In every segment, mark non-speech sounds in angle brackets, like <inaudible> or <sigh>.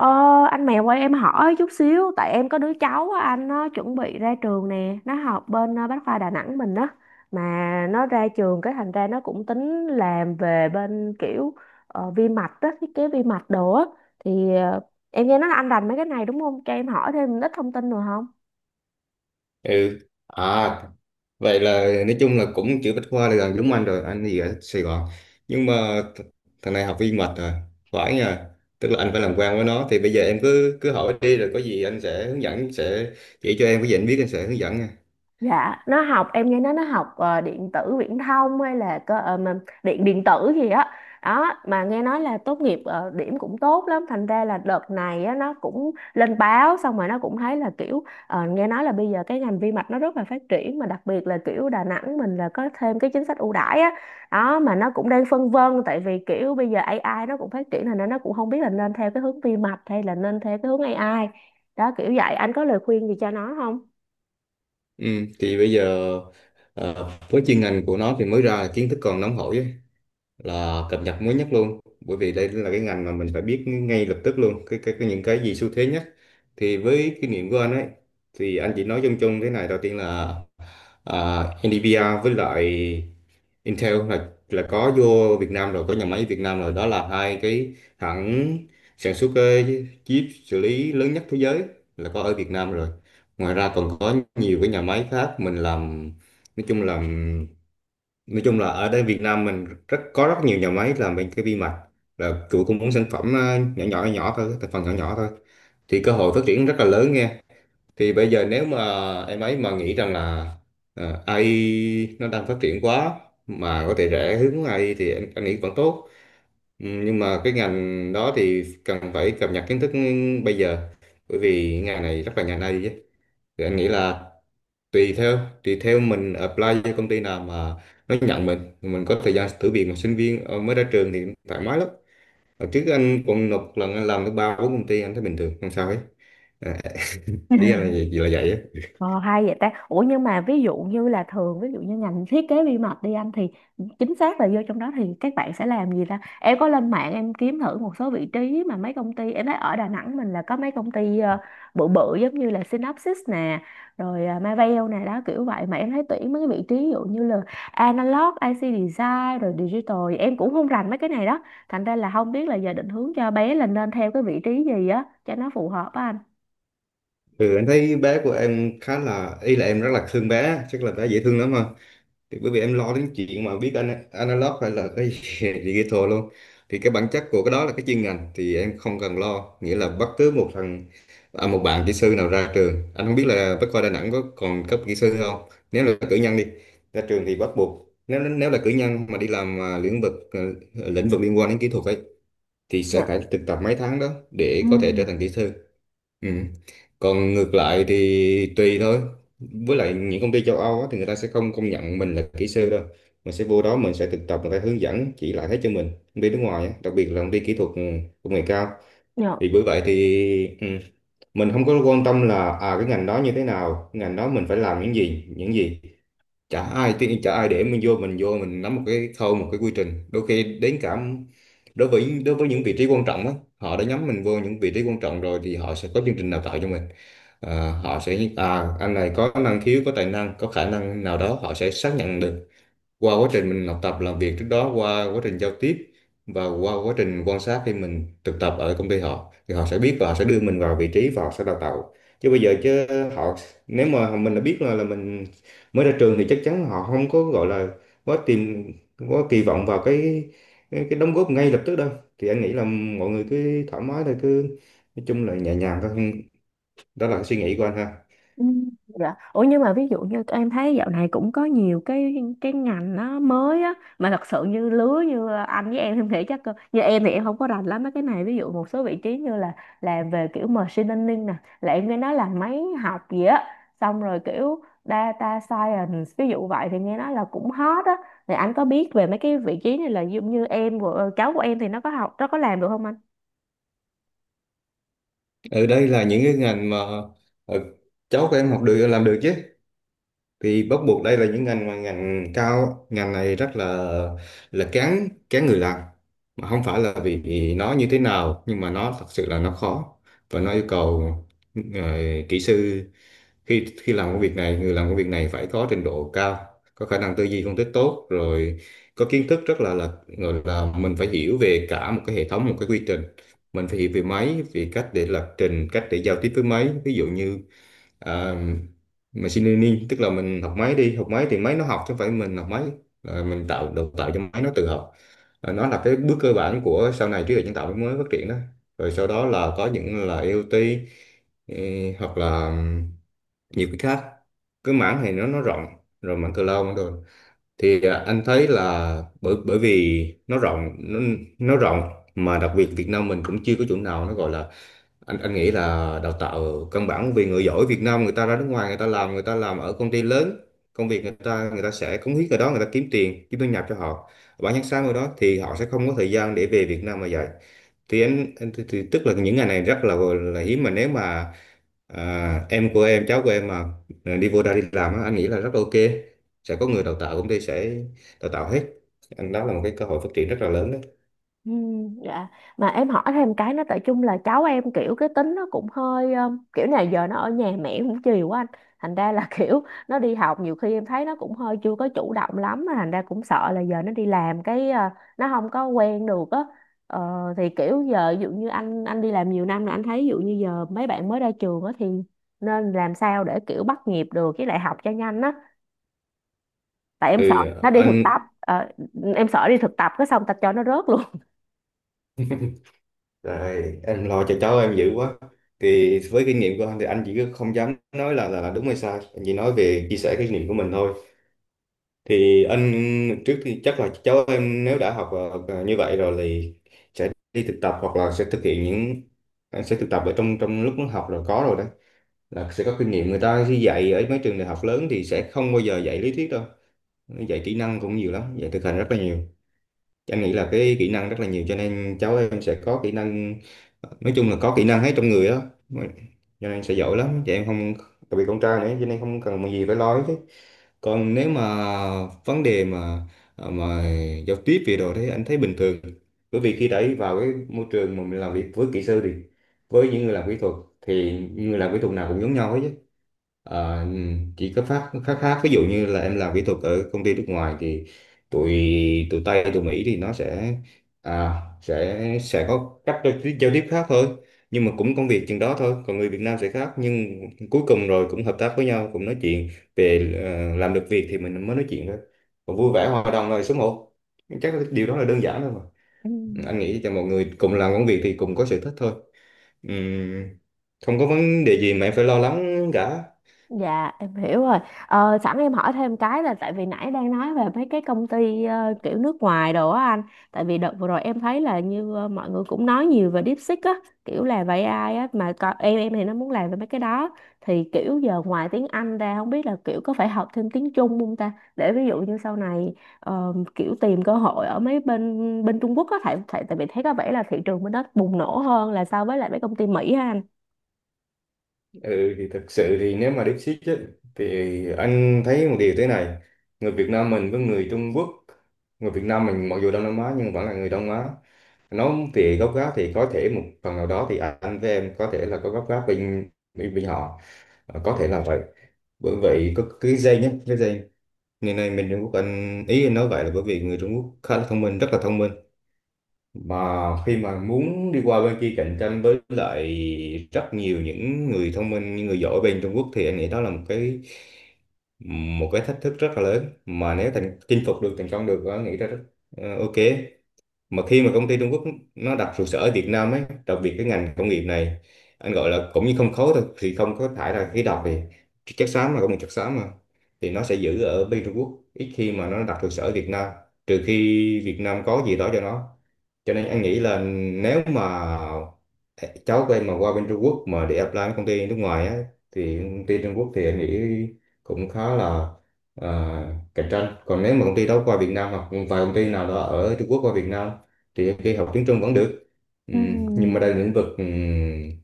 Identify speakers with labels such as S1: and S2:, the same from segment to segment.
S1: Ờ, anh mèo ơi, em hỏi chút xíu. Tại em có đứa cháu á, anh nó chuẩn bị ra trường nè, nó học bên Bách khoa Đà Nẵng mình á, mà nó ra trường cái thành ra nó cũng tính làm về bên kiểu vi mạch á, thiết kế vi mạch đồ á. Thì em nghe nói là anh rành mấy cái này đúng không, cho em hỏi thêm ít thông tin được không?
S2: ừ à Vậy là nói chung là cũng chữ Bách Khoa là gần giống anh rồi. Anh thì ở Sài Gòn, nhưng mà thằng này học viên mệt rồi, phải nha. Tức là anh phải làm quen với nó. Thì bây giờ em cứ cứ hỏi đi, rồi có gì anh sẽ hướng dẫn, sẽ chỉ cho em cái gì anh biết, anh sẽ hướng dẫn nha.
S1: Dạ, nó học, em nghe nói nó học điện tử viễn thông hay là cơ mà điện điện tử gì á. Đó. Mà nghe nói là tốt nghiệp điểm cũng tốt lắm, thành ra là đợt này á nó cũng lên báo, xong rồi nó cũng thấy là kiểu nghe nói là bây giờ cái ngành vi mạch nó rất là phát triển, mà đặc biệt là kiểu Đà Nẵng mình là có thêm cái chính sách ưu đãi á. Đó, mà nó cũng đang phân vân tại vì kiểu bây giờ AI nó cũng phát triển, thành ra nó cũng không biết là nên theo cái hướng vi mạch hay là nên theo cái hướng AI. Đó kiểu vậy, anh có lời khuyên gì cho nó không?
S2: Ừ, thì bây giờ với chuyên ngành của nó thì mới ra là kiến thức còn nóng hổi á, là cập nhật mới nhất luôn. Bởi vì đây là cái ngành mà mình phải biết ngay lập tức luôn cái những cái gì xu thế nhất. Thì với kinh nghiệm của anh ấy, thì anh chỉ nói chung chung thế này. Đầu tiên là à, NVIDIA với lại Intel là có vô Việt Nam rồi, có nhà máy Việt Nam rồi. Đó là hai cái hãng sản xuất cái chip xử lý lớn nhất thế giới là có ở Việt Nam rồi. Ngoài ra còn có nhiều cái nhà máy khác mình làm. Nói chung là nói chung là ở đây Việt Nam mình rất có rất nhiều nhà máy làm bên cái vi mạch, là chủ cũng muốn sản phẩm nhỏ nhỏ nhỏ thôi, thành phần nhỏ nhỏ thôi. Thì cơ hội phát triển rất là lớn nghe. Thì bây giờ nếu mà em ấy mà nghĩ rằng là AI nó đang phát triển quá, mà có thể rẽ hướng AI, thì em nghĩ vẫn tốt. Ừ, nhưng mà cái ngành đó thì cần phải cập nhật kiến thức bây giờ, bởi vì ngành này rất là ngành AI chứ. Thì anh nghĩ là tùy theo mình apply cho công ty nào mà nó nhận mình có thời gian thử việc. Mà sinh viên mới ra trường thì thoải mái lắm. Hồi trước anh còn nộp lần anh làm tới ba bốn công ty, anh thấy bình thường không sao hết. à, Ý anh
S1: <laughs>
S2: là gì là vậy á.
S1: Ờ, hay vậy ta. Ủa nhưng mà ví dụ như là thường ví dụ như ngành thiết kế vi mạch đi anh, thì chính xác là vô trong đó thì các bạn sẽ làm gì ta? Em có lên mạng em kiếm thử một số vị trí mà mấy công ty, em thấy ở Đà Nẵng mình là có mấy công ty bự bự giống như là Synopsys nè, rồi Marvell nè, đó kiểu vậy, mà em thấy tuyển mấy cái vị trí ví dụ như là analog, IC design rồi digital, em cũng không rành mấy cái này đó. Thành ra là không biết là giờ định hướng cho bé là nên theo cái vị trí gì á cho nó phù hợp á anh.
S2: Ừ, anh thấy bé của em khá là, ý là em rất là thương bé, chắc là bé dễ thương lắm ha. Thì bởi vì em lo đến chuyện mà viết analog hay là cái <laughs> digital luôn, thì cái bản chất của cái đó là cái chuyên ngành thì em không cần lo. Nghĩa là bất cứ một thằng, một bạn kỹ sư nào ra trường, anh không biết là Bách Khoa Đà Nẵng có còn cấp kỹ sư không, nếu là cử nhân đi, ra trường thì bắt buộc, nếu nếu là cử nhân mà đi làm lĩnh vực, lĩnh vực liên quan đến kỹ thuật ấy, thì sẽ
S1: Dạ.
S2: phải thực tập mấy tháng đó
S1: Ừ.
S2: để có thể trở thành kỹ sư. Ừ. Còn ngược lại thì tùy thôi. Với lại những công ty châu Âu á, thì người ta sẽ không công nhận mình là kỹ sư đâu. Mình sẽ vô đó mình sẽ thực tập, người ta hướng dẫn chỉ lại hết cho mình. Công ty nước ngoài á, đặc biệt là công ty kỹ thuật, ừ, công nghệ cao.
S1: Dạ.
S2: Thì bởi vậy thì, ừ, mình không có quan tâm là à cái ngành đó như thế nào, ngành đó mình phải làm những gì, những gì. Chả ai tiên, chả ai để mình vô, mình nắm một cái khâu, một cái quy trình, đôi khi đến cả, đối với những vị trí quan trọng á, họ đã nhắm mình vô những vị trí quan trọng rồi thì họ sẽ có chương trình đào tạo cho mình. Ờ, họ sẽ, à anh này có năng khiếu, có tài năng, có khả năng nào đó, họ sẽ xác nhận được qua quá trình mình học tập làm việc trước đó, qua quá trình giao tiếp và qua quá trình quan sát khi mình thực tập ở công ty họ, thì họ sẽ biết và họ sẽ đưa mình vào vị trí và họ sẽ đào tạo. Chứ bây giờ chứ họ, nếu mà mình đã biết là, mình mới ra trường, thì chắc chắn họ không có gọi là quá tìm quá kỳ vọng vào cái đóng góp ngay lập tức đâu. Thì anh nghĩ là mọi người cứ thoải mái thôi, cứ nói chung là nhẹ nhàng thôi. Đó là cái suy nghĩ của anh ha.
S1: Ừ, Dạ. Ủa nhưng mà ví dụ như em thấy dạo này cũng có nhiều cái ngành nó mới á, mà thật sự như lứa như anh với em nghĩ chắc cơ, như em thì em không có rành lắm mấy cái này, ví dụ một số vị trí như là làm về kiểu machine learning nè, là em nghe nói là máy học gì á, xong rồi kiểu data science ví dụ vậy thì nghe nói là cũng hot á. Thì anh có biết về mấy cái vị trí này là giống như em của cháu của em thì nó có học, nó có làm được không anh?
S2: Ở đây là những cái ngành mà ờ, cháu của em học được, làm được chứ. Thì bắt buộc đây là những ngành mà ngành cao, ngành này rất là kén kén người làm. Mà không phải là vì vì nó như thế nào, nhưng mà nó thật sự là nó khó và nó yêu cầu ờ, kỹ sư, khi khi làm công việc này, người làm công việc này phải có trình độ cao, có khả năng tư duy phân tích tốt, rồi có kiến thức rất là, gọi là mình phải hiểu về cả một cái hệ thống, một cái quy trình. Mình phải hiểu về máy, về cách để lập trình, cách để giao tiếp với máy. Ví dụ như, ờ, mình machine learning, tức là mình học máy. Đi học máy thì máy nó học chứ không phải mình học máy. Ờ, mình tạo đào tạo cho máy nó tự học. Ờ, nó là cái bước cơ bản của sau này trí tuệ nhân tạo mới phát triển đó. Rồi sau đó là có những là IoT, ừ, hoặc là nhiều cái khác. Cái mảng này nó rộng, rồi mảng cloud, mảng rồi. Thì à, anh thấy là bởi bởi vì nó rộng, nó rộng, mà đặc biệt Việt Nam mình cũng chưa có chỗ nào nó gọi là, anh nghĩ là đào tạo căn bản, vì người giỏi Việt Nam người ta ra nước ngoài người ta làm, người ta làm ở công ty lớn, công việc người ta, người ta sẽ cống hiến ở đó, người ta kiếm tiền kiếm thu nhập cho họ, bản thân sáng ở đó, thì họ sẽ không có thời gian để về Việt Nam mà dạy. Thì anh thì tức là những ngày này rất là hiếm. Mà nếu mà em của em, cháu của em mà đi vô đây đi làm á, anh nghĩ là rất là ok. Sẽ có người đào tạo, công ty sẽ đào tạo hết. Anh, đó là một cái cơ hội phát triển rất là lớn đấy.
S1: Ừ, dạ, mà em hỏi thêm cái nữa, tại chung là cháu em kiểu cái tính nó cũng hơi kiểu này giờ nó ở nhà mẹ cũng chiều quá anh, thành ra là <laughs> kiểu nó đi học nhiều khi em thấy nó cũng hơi chưa có chủ động lắm, mà thành ra cũng sợ là giờ nó đi làm cái nó không có quen được á. Ờ, thì kiểu giờ ví dụ như anh đi làm nhiều năm là anh thấy ví dụ như giờ mấy bạn mới ra trường á thì nên làm sao để kiểu bắt nhịp được với lại học cho nhanh á, tại em
S2: Ừ
S1: sợ nó đi thực
S2: anh.
S1: tập. Ờ, em sợ đi thực tập cái xong tạch cho nó rớt luôn.
S2: Rồi, em lo cho cháu em dữ quá. Thì với kinh nghiệm của anh thì anh chỉ không dám nói là, là đúng hay sai. Anh chỉ nói về chia sẻ kinh nghiệm của mình thôi. Thì anh trước, thì chắc là cháu em nếu đã học như vậy rồi thì sẽ đi thực tập hoặc là sẽ thực hiện những, sẽ thực tập ở trong trong lúc nó học rồi, có rồi đấy, là sẽ có kinh nghiệm. Người ta khi dạy ở mấy trường đại học lớn thì sẽ không bao giờ dạy lý thuyết đâu, dạy kỹ năng cũng nhiều lắm, dạy thực hành rất là nhiều. Em nghĩ là cái kỹ năng rất là nhiều, cho nên cháu em sẽ có kỹ năng, nói chung là có kỹ năng hết trong người đó, cho nên sẽ giỏi lắm chị em không, đặc biệt con trai nữa, cho nên không cần gì phải lo hết. Còn nếu mà vấn đề mà à, mà giao tiếp về đồ thế anh thấy bình thường, bởi vì khi đã vào cái môi trường mà mình làm việc với kỹ sư thì, với những người làm kỹ thuật, thì người làm kỹ thuật nào cũng giống nhau hết. Ờ, chỉ có phát khác khác, ví dụ như là em làm kỹ thuật ở công ty nước ngoài thì tụi tụi Tây tụi Mỹ thì nó sẽ sẽ có cách giao tiếp khác thôi, nhưng mà cũng công việc chừng đó thôi, còn người Việt Nam sẽ khác, nhưng cuối cùng rồi cũng hợp tác với nhau, cũng nói chuyện về làm được việc thì mình mới nói chuyện thôi, còn vui vẻ hòa đồng rồi số 1. Chắc là điều đó là đơn giản thôi mà,
S1: Ừ.
S2: anh nghĩ cho mọi người cùng làm công việc thì cùng có sở thích thôi. Ừm, Không có vấn đề gì mà em phải lo lắng cả.
S1: Dạ em hiểu rồi. Ờ, sẵn em hỏi thêm cái là tại vì nãy đang nói về mấy cái công ty kiểu nước ngoài đồ á anh. Tại vì đợt vừa rồi em thấy là như mọi người cũng nói nhiều về DeepSeek á, kiểu là về AI á, mà em thì nó muốn làm về mấy cái đó. Thì kiểu giờ ngoài tiếng Anh ra không biết là kiểu có phải học thêm tiếng Trung không ta? Để ví dụ như sau này kiểu tìm cơ hội ở mấy bên bên Trung Quốc á, tại tại tại vì thấy có vẻ là thị trường bên đó bùng nổ hơn là so với lại mấy công ty Mỹ á anh.
S2: Ừ, thì thật sự thì nếu mà deep seek ấy, thì anh thấy một điều thế này: người Việt Nam mình với người Trung Quốc, người Việt Nam mình mặc dù Đông Nam Á nhưng vẫn là người Đông Á, nó thì gốc gác thì có thể một phần nào đó, thì anh với em có thể là có gốc gác bên bên, bên họ. Ờ, có thể là vậy, bởi vậy có cái dây nhé, cái dây ngày nay mình Trung Quốc. Anh ý anh nói vậy là bởi vì người Trung Quốc khá là thông minh, rất là thông minh, mà khi mà muốn đi qua bên kia cạnh tranh với lại rất nhiều những người thông minh những người giỏi bên Trung Quốc, thì anh nghĩ đó là một cái, một cái thách thức rất là lớn, mà nếu thành chinh phục được, thành công được, anh nghĩ ra rất ok. Mà khi mà công ty Trung Quốc nó đặt trụ sở ở Việt Nam ấy, đặc biệt cái ngành công nghiệp này, anh gọi là cũng như không khói thôi, thì không có thải ra khí độc, thì chất xám mà, công nghiệp chất xám mà, thì nó sẽ giữ ở bên Trung Quốc, ít khi mà nó đặt trụ sở ở Việt Nam, trừ khi Việt Nam có gì đó cho nó. Cho nên anh nghĩ là nếu mà cháu của em mà qua bên Trung Quốc mà để apply với công ty nước ngoài á, thì công ty Trung Quốc thì anh nghĩ cũng khá là à, cạnh tranh. Còn nếu mà công ty đó qua Việt Nam, hoặc vài công ty nào đó ở Trung Quốc qua Việt Nam, thì em nghĩ học tiếng Trung vẫn được. Nhưng mà đây là
S1: Ừm,
S2: lĩnh vực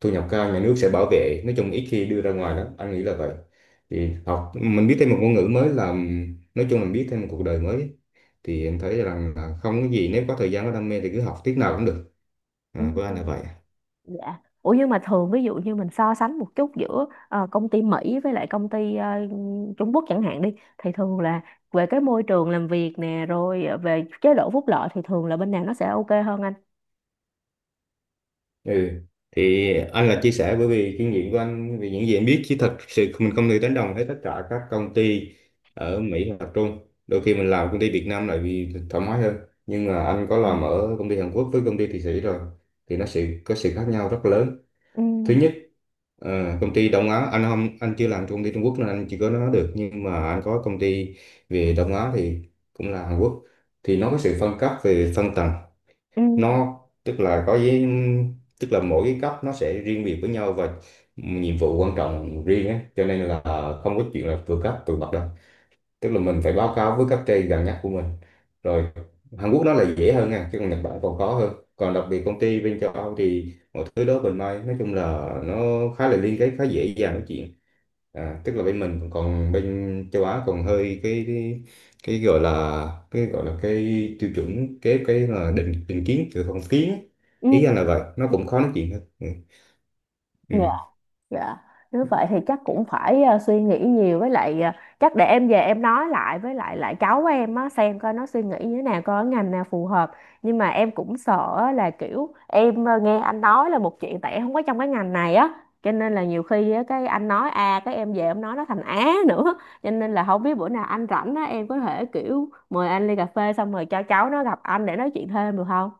S2: thu nhập cao, nhà nước sẽ bảo vệ, nói chung ít khi đưa ra ngoài lắm, anh nghĩ là vậy. Thì học, mình biết thêm một ngôn ngữ mới là, nói chung mình biết thêm một cuộc đời mới, thì em thấy rằng là không có gì, nếu có thời gian có đam mê thì cứ học tiết nào cũng được,
S1: ừm.
S2: à, với anh là vậy.
S1: Dạ. Ủa nhưng mà thường ví dụ như mình so sánh một chút giữa công ty Mỹ với lại công ty Trung Quốc chẳng hạn đi, thì thường là về cái môi trường làm việc nè, rồi về chế độ phúc lợi thì thường là bên nào nó sẽ ok hơn anh?
S2: Ừ. Thì anh là chia sẻ bởi vì kinh nghiệm của anh, vì những gì anh biết, chứ thật sự mình không thể đánh đồng hết tất cả các công ty ở Mỹ hoặc Trung. Đôi khi mình làm công ty Việt Nam lại vì thoải mái hơn, nhưng mà anh có
S1: Ừ.
S2: làm ở công ty Hàn Quốc với công ty Thụy Sĩ rồi, thì nó sự có sự khác nhau rất lớn.
S1: Ừ.
S2: Thứ nhất, công ty Đông Á, anh không, anh chưa làm cho công ty Trung Quốc nên anh chỉ có nói được, nhưng mà anh có công ty về Đông Á thì cũng là Hàn Quốc, thì nó có sự phân cấp về phân tầng.
S1: Ừ.
S2: Nó tức là có với, tức là mỗi cái cấp nó sẽ riêng biệt với nhau, và nhiệm vụ quan trọng riêng á, cho nên là không có chuyện là vượt cấp vượt bậc đâu, tức là mình phải báo cáo với cấp trên gần nhất của mình rồi. Hàn Quốc nó là dễ hơn nha, chứ còn Nhật Bản còn khó hơn, còn đặc biệt công ty bên châu Âu thì mọi thứ đó mình may, nói chung là nó khá là liên kết, khá dễ dàng nói chuyện. À, tức là bên mình, còn bên châu Á còn hơi cái gọi là, cái gọi là cái tiêu chuẩn, cái là định định kiến từ phong kiến,
S1: Ừ.
S2: ý anh là vậy, nó
S1: Dạ.
S2: cũng khó nói chuyện hơn ừ. Ừ.
S1: Dạ, nếu vậy thì chắc cũng phải suy nghĩ nhiều với lại chắc để em về em nói lại với lại lại cháu em á xem coi nó suy nghĩ như thế nào coi cái ngành nào phù hợp. Nhưng mà em cũng sợ á là kiểu em nghe anh nói là một chuyện tại em không có trong cái ngành này á. Cho nên là nhiều khi á, cái anh nói A cái em về em nói nó thành Á nữa. Cho nên là không biết bữa nào anh rảnh á em có thể kiểu mời anh ly cà phê xong rồi cho cháu nó gặp anh để nói chuyện thêm được không?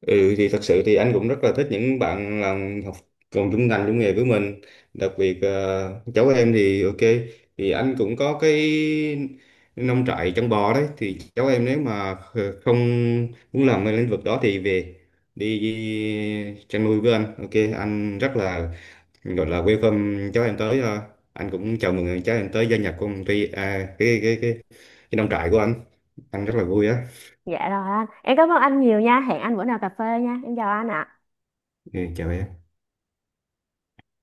S2: Ừ, thì thật sự thì anh cũng rất là thích những bạn làm học cùng chung ngành chung nghề với mình, đặc biệt cháu em thì ok, thì anh cũng có cái nông trại chăn bò đấy, thì cháu em nếu mà không muốn làm cái lĩnh vực đó thì về đi chăn nuôi với anh, ok, anh rất là gọi là welcome cháu em tới, anh cũng chào mừng cháu em tới gia nhập công ty, cái nông trại của anh rất là vui á.
S1: Dạ rồi anh. Em cảm ơn anh nhiều nha. Hẹn anh bữa nào cà phê nha. Em chào anh ạ.
S2: Ừ, chào em.